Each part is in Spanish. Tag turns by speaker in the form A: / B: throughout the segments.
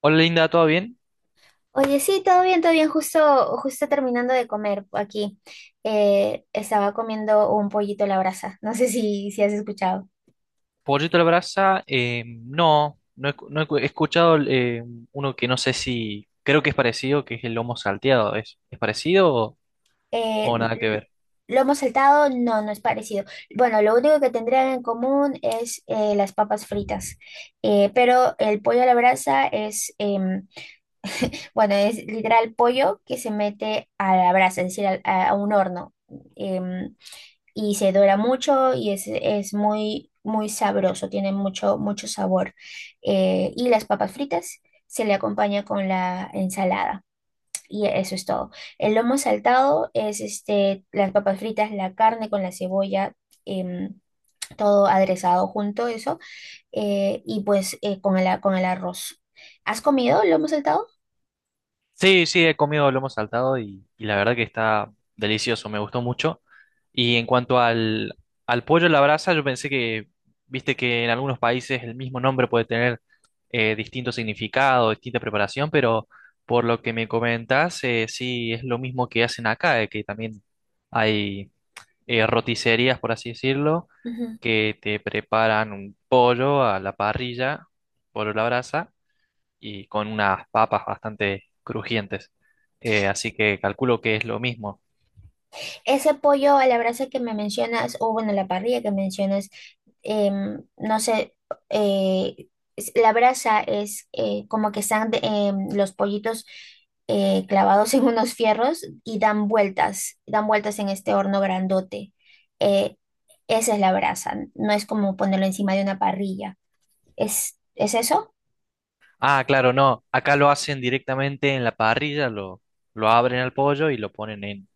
A: Hola Linda, ¿todo bien?
B: Oye, sí, todo bien, todo bien. Justo, justo terminando de comer aquí. Estaba comiendo un pollito a la brasa. No sé si has escuchado.
A: Pollito a la brasa, no, no he he escuchado uno que no sé si, creo que es parecido, que es el lomo salteado, ¿ es parecido
B: Eh,
A: o nada que
B: l-
A: ver?
B: Lomo saltado, no, no es parecido. Bueno, lo único que tendrían en común es las papas fritas. Pero el pollo a la brasa es, bueno, es literal pollo que se mete a la brasa, es decir, a un horno. em, y se dora mucho y es muy sabroso, tiene mucho sabor. Y las papas fritas se le acompaña con la ensalada. Y eso es todo. El lomo saltado es este, las papas fritas, la carne con la cebolla, em, todo aderezado junto, eso, y pues con con el arroz. ¿Has comido lomo saltado?
A: Sí, sí, he comido lomo saltado y la verdad que está delicioso, me gustó mucho. Y en cuanto al, al pollo a la brasa, yo pensé que, viste que en algunos países el mismo nombre puede tener distinto significado, distinta preparación, pero por lo que me comentas, sí es lo mismo que hacen acá, que también hay roticerías, por así decirlo, que te preparan un pollo a la parrilla, pollo a la brasa y con unas papas bastante crujientes. Así que calculo que es lo mismo.
B: Ese pollo a la brasa que me mencionas, o bueno, la parrilla que mencionas, no sé, eh, la brasa es como que están los pollitos clavados en unos fierros y dan vueltas en este horno grandote. Eh, Esa es la brasa, no es como ponerlo encima de una parrilla. Es eso?
A: Ah, claro, no. Acá lo hacen directamente en la parrilla, lo abren al pollo y lo ponen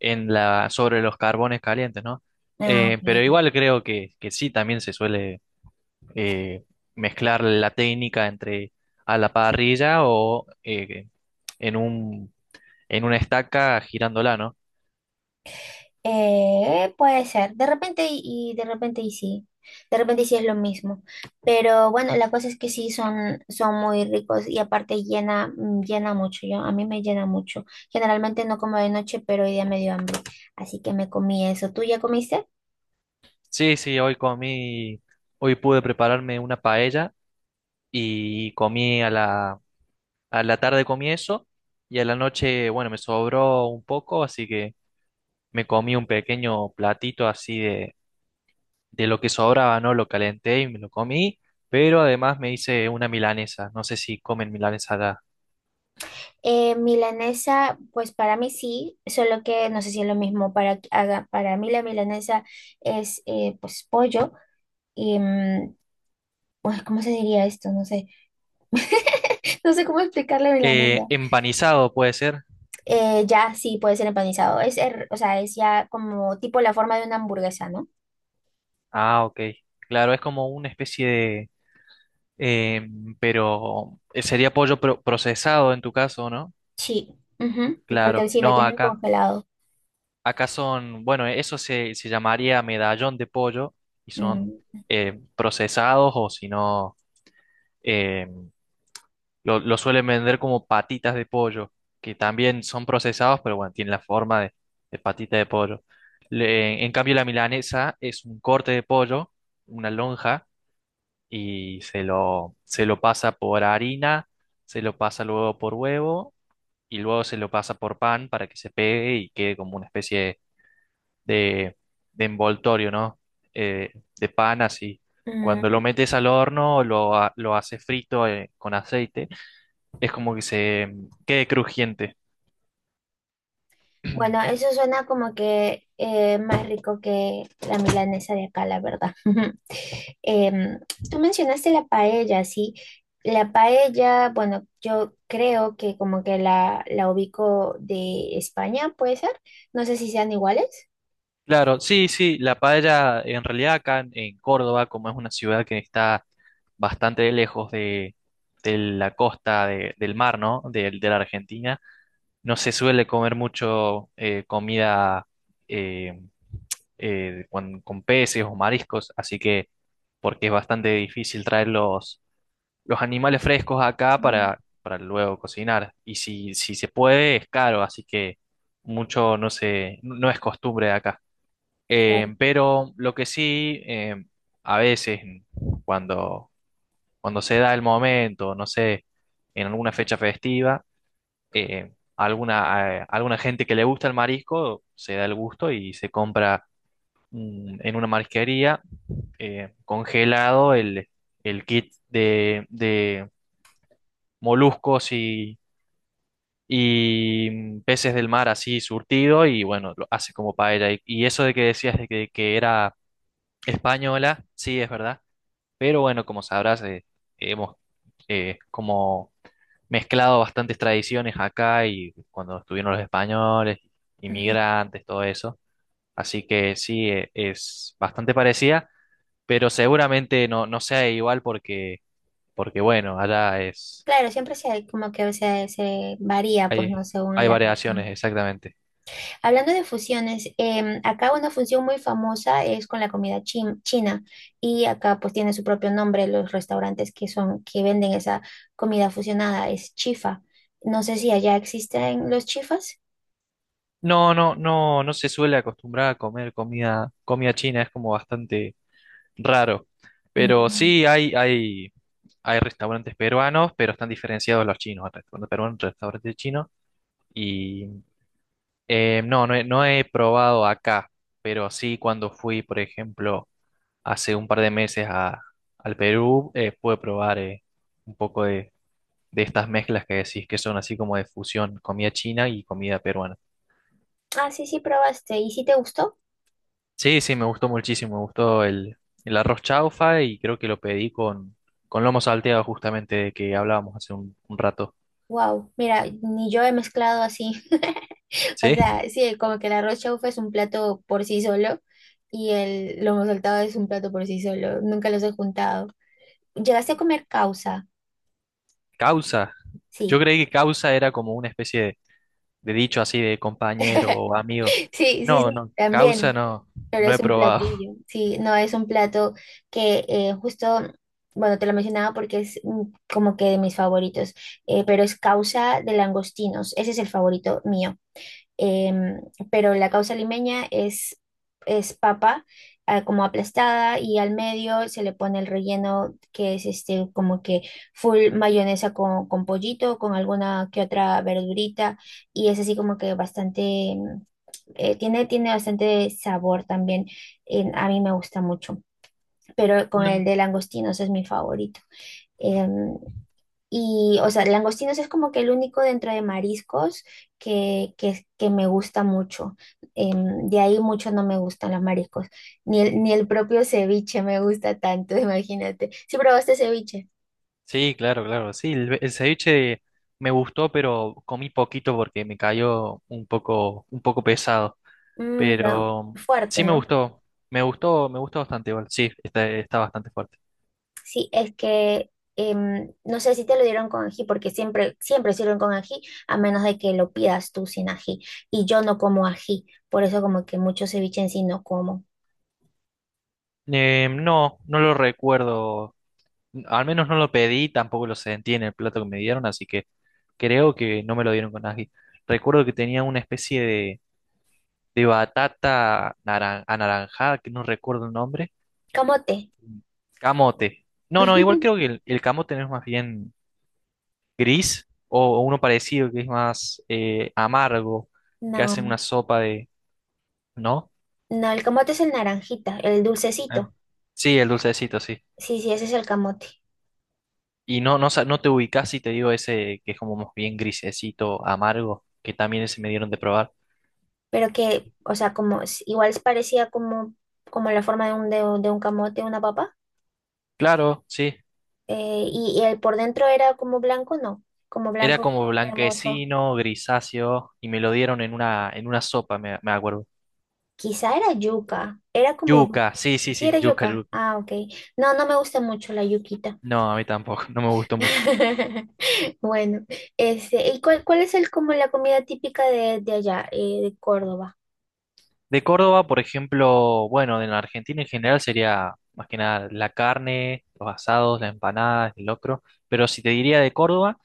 A: en la, sobre los carbones calientes, ¿no?
B: Ah,
A: Pero
B: ok.
A: igual creo que sí, también se suele eh, mezclar la técnica entre a la parrilla o en un, en una estaca girándola, ¿no?
B: Puede ser, de repente y de repente y sí, de repente y sí es lo mismo, pero bueno, la cosa es que sí son, son muy ricos y aparte llena, mm, llena mucho, yo, a mí me llena mucho, generalmente no como de noche, pero hoy día me dio hambre, así que me comí eso. ¿Tú ya comiste?
A: Sí, sí, hoy comí, hoy pude prepararme una paella y comí a la tarde comí eso y a la noche, bueno, me sobró un poco, así que me comí un pequeño platito así de lo que sobraba, ¿no? Lo calenté y me lo comí, pero además me hice una milanesa, no sé si comen milanesa acá.
B: Milanesa, pues para mí sí, solo que no sé si es lo mismo, para mí la milanesa es pues pollo y, mm, pues, ¿cómo se diría esto? No sé, no sé cómo explicar la
A: Eh,
B: milanesa.
A: empanizado puede ser.
B: Ya sí puede ser empanizado. O sea, es ya como tipo la forma de una hamburguesa, ¿no?
A: Ah, ok. Claro, es como una especie de eh, pero sería pollo procesado en tu caso, ¿no?
B: Sí, ujú. Porque
A: Claro,
B: si lo
A: no
B: tienen
A: acá.
B: congelado.
A: Acá son, bueno, eso se, se llamaría medallón de pollo y son
B: Mm,
A: procesados o si no, eh, lo suelen vender como patitas de pollo, que también son procesados, pero bueno, tienen la forma de patita de pollo. En cambio, la milanesa es un corte de pollo, una lonja, y se lo pasa por harina, se lo pasa luego por huevo y luego se lo pasa por pan para que se pegue y quede como una especie de, de envoltorio, ¿no? Eh, de pan así. Cuando
B: mm.
A: lo metes al horno, lo, lo haces frito con aceite, es como que se quede crujiente.
B: Bueno, eso suena como que más rico que la milanesa de acá, la verdad. Em, Tú mencionaste la paella, ¿sí? La paella, bueno, yo creo que como que la ubico de España, ¿puede ser? No sé si sean iguales.
A: Claro, sí, sí, la paella en realidad acá en Córdoba, como es una ciudad que está bastante lejos de la costa del mar, ¿no? De la Argentina, no se suele comer mucho comida eh, con peces o mariscos, así que porque es bastante difícil traer los animales frescos acá
B: Mm.
A: para luego cocinar. Y si, si se puede, es caro, así que mucho no se, no es costumbre acá.
B: Claro.
A: Pero lo que sí, a veces cuando, cuando se da el momento, no sé, en alguna fecha festiva, alguna, alguna gente que le gusta el marisco se da el gusto y se compra en una marisquería congelado el kit de moluscos y peces del mar así surtido y bueno, lo hace como paella. Y eso de que decías de que era española, sí, es verdad, pero bueno, como sabrás, hemos como mezclado bastantes tradiciones acá y cuando estuvieron los españoles,
B: Ujú.
A: inmigrantes, todo eso. Así que sí, es bastante parecida, pero seguramente no, no sea igual porque porque bueno, allá es,
B: Claro, siempre se, como que se varía, pues, no,
A: hay,
B: según
A: hay
B: la
A: variaciones,
B: región.
A: exactamente.
B: Hablando de fusiones, acá una fusión muy famosa es con la china y acá pues tiene su propio nombre los restaurantes que son que venden esa comida fusionada, es chifa. No sé si allá existen los chifas.
A: No, no, no, no se suele acostumbrar a comer comida, comida china, es como bastante raro. Pero
B: Mm.
A: sí hay restaurantes peruanos, pero están diferenciados los chinos, restaurantes peruanos, restaurantes chinos. Y no, no he probado acá, pero sí cuando fui, por ejemplo, hace un par de meses a, al Perú, pude probar un poco de estas mezclas que decís que son así como de fusión, comida china y comida peruana.
B: Ah, sí, sí, probaste y si te gustó.
A: Sí, sí, me gustó muchísimo, me gustó el arroz chaufa y creo que lo pedí con lomo salteado justamente de que hablábamos hace un rato.
B: Wow, mira, ni yo he mezclado así. O
A: Sí,
B: sea, sí, como que el arroz chaufa es un plato por sí solo y el lomo saltado es un plato por sí solo. Nunca los he juntado. ¿Llegaste a comer causa?
A: causa. Yo
B: Sí.
A: creí que causa era como una especie de dicho así de compañero o amigo.
B: Sí, sí,
A: No,
B: sí,
A: no, causa
B: también,
A: no,
B: pero
A: no
B: es
A: he
B: un
A: probado.
B: platillo, sí, no es un plato que justo, bueno, te lo mencionaba porque es mm, como que de mis favoritos, pero es causa de langostinos, ese es el favorito mío. Em, pero la causa limeña es papa ah, como aplastada y al medio se le pone el relleno que es este como que full mayonesa con pollito, con alguna que otra verdurita y es así como que bastante... Tiene, tiene bastante sabor también. A mí me gusta mucho, pero con el de langostinos es mi favorito. Em, y, o sea, langostinos es como que el único dentro de mariscos que me gusta mucho. De ahí mucho no me gustan los mariscos. Ni el propio ceviche me gusta tanto, imagínate. ¿Sí probaste ceviche?
A: Sí, claro, claro. Sí, el ceviche me gustó, pero comí poquito porque me cayó un poco pesado.
B: Mm, no,
A: Pero
B: fuerte,
A: sí me
B: ¿no?
A: gustó. Me gustó, me gustó bastante igual. Sí, está, está bastante fuerte.
B: Sí, es que no sé si te lo dieron con ají, porque siempre, siempre sirven con ají, a menos de que lo pidas tú sin ají. Y yo no como ají, por eso como que mucho ceviche en sí no como.
A: No, no lo recuerdo. Al menos no lo pedí, tampoco lo sentí en el plato que me dieron, así que creo que no me lo dieron con ají. Recuerdo que tenía una especie de batata anaranjada, que no recuerdo el nombre.
B: Camote.
A: Camote. No, no, igual creo que el camote no es más bien gris o uno parecido que es más amargo, que hacen
B: No,
A: una sopa de, ¿no?
B: no, el camote es el naranjita, el dulcecito.
A: Ah. Sí, el dulcecito, sí.
B: Sí, sí, ese es el camote.
A: Y no, no, no te ubicás si te digo ese que es como más bien grisecito, amargo, que también ese me dieron de probar.
B: Pero que, o sea, igual es parecía como, como la forma de un, de, un camote, una papa.
A: Claro, sí.
B: Y, y el por dentro era como blanco, no, como
A: Era
B: blanco
A: como
B: cremoso.
A: blanquecino, grisáceo, y me lo dieron en una sopa, me acuerdo.
B: Quizá era yuca, era como...
A: Yuca, sí, sí,
B: Sí,
A: sí,
B: era
A: yuca,
B: yuca.
A: yuca.
B: Ah, ok. No, no me gusta mucho la yuquita.
A: No, a mí tampoco, no me gustó mucho.
B: Bueno, este, ¿y cuál, cuál es el, como la comida típica de allá, de Córdoba?
A: De Córdoba, por ejemplo, bueno, en la Argentina en general sería más que nada la carne, los asados, las empanadas, el locro. Pero si te diría de Córdoba,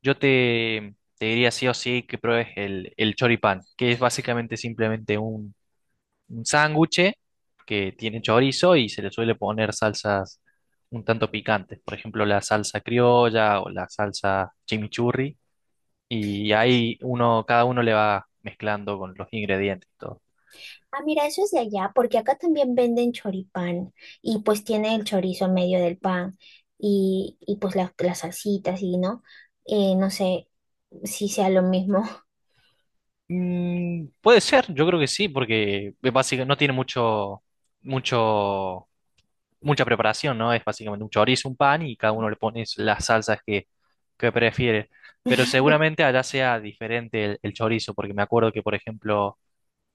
A: yo te, te diría sí o sí que pruebes el choripán, que es básicamente simplemente un sándwich que tiene chorizo y se le suele poner salsas un tanto picantes. Por ejemplo, la salsa criolla o la salsa chimichurri. Y ahí uno, cada uno le va mezclando con los ingredientes y todo.
B: Ah, mira, eso es de allá, porque acá también venden choripán y pues tiene el chorizo en medio del pan y pues las salsitas y, ¿no? No sé si sea lo mismo.
A: Mm, puede ser, yo creo que sí, porque es no tiene mucho, mucho, mucha preparación, ¿no? Es básicamente un chorizo, un pan y cada uno le pone las salsas que prefiere. Pero seguramente allá sea diferente el chorizo, porque me acuerdo que, por ejemplo,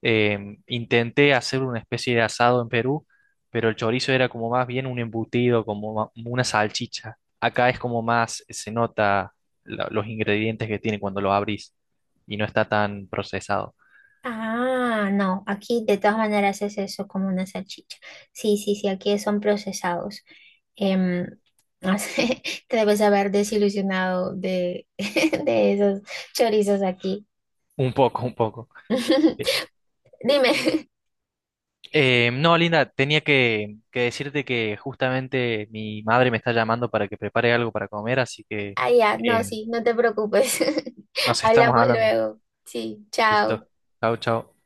A: intenté hacer una especie de asado en Perú, pero el chorizo era como más bien un embutido, como una salchicha. Acá es como más, se nota los ingredientes que tiene cuando lo abrís y no está tan procesado.
B: Ah, no, aquí de todas maneras es eso como una salchicha. Sí, sí, sí, aquí son procesados. Em, no sé, te debes haber desilusionado de, de esos chorizos aquí.
A: Un poco, un poco. Eh,
B: Dime,
A: no, Linda, tenía que decirte que justamente mi madre me está llamando para que prepare algo para comer, así que
B: ah, ya, no,
A: eh,
B: sí, no te preocupes.
A: nos estamos
B: Hablamos
A: hablando.
B: luego. Sí, chao.
A: Listo. Chao, chao.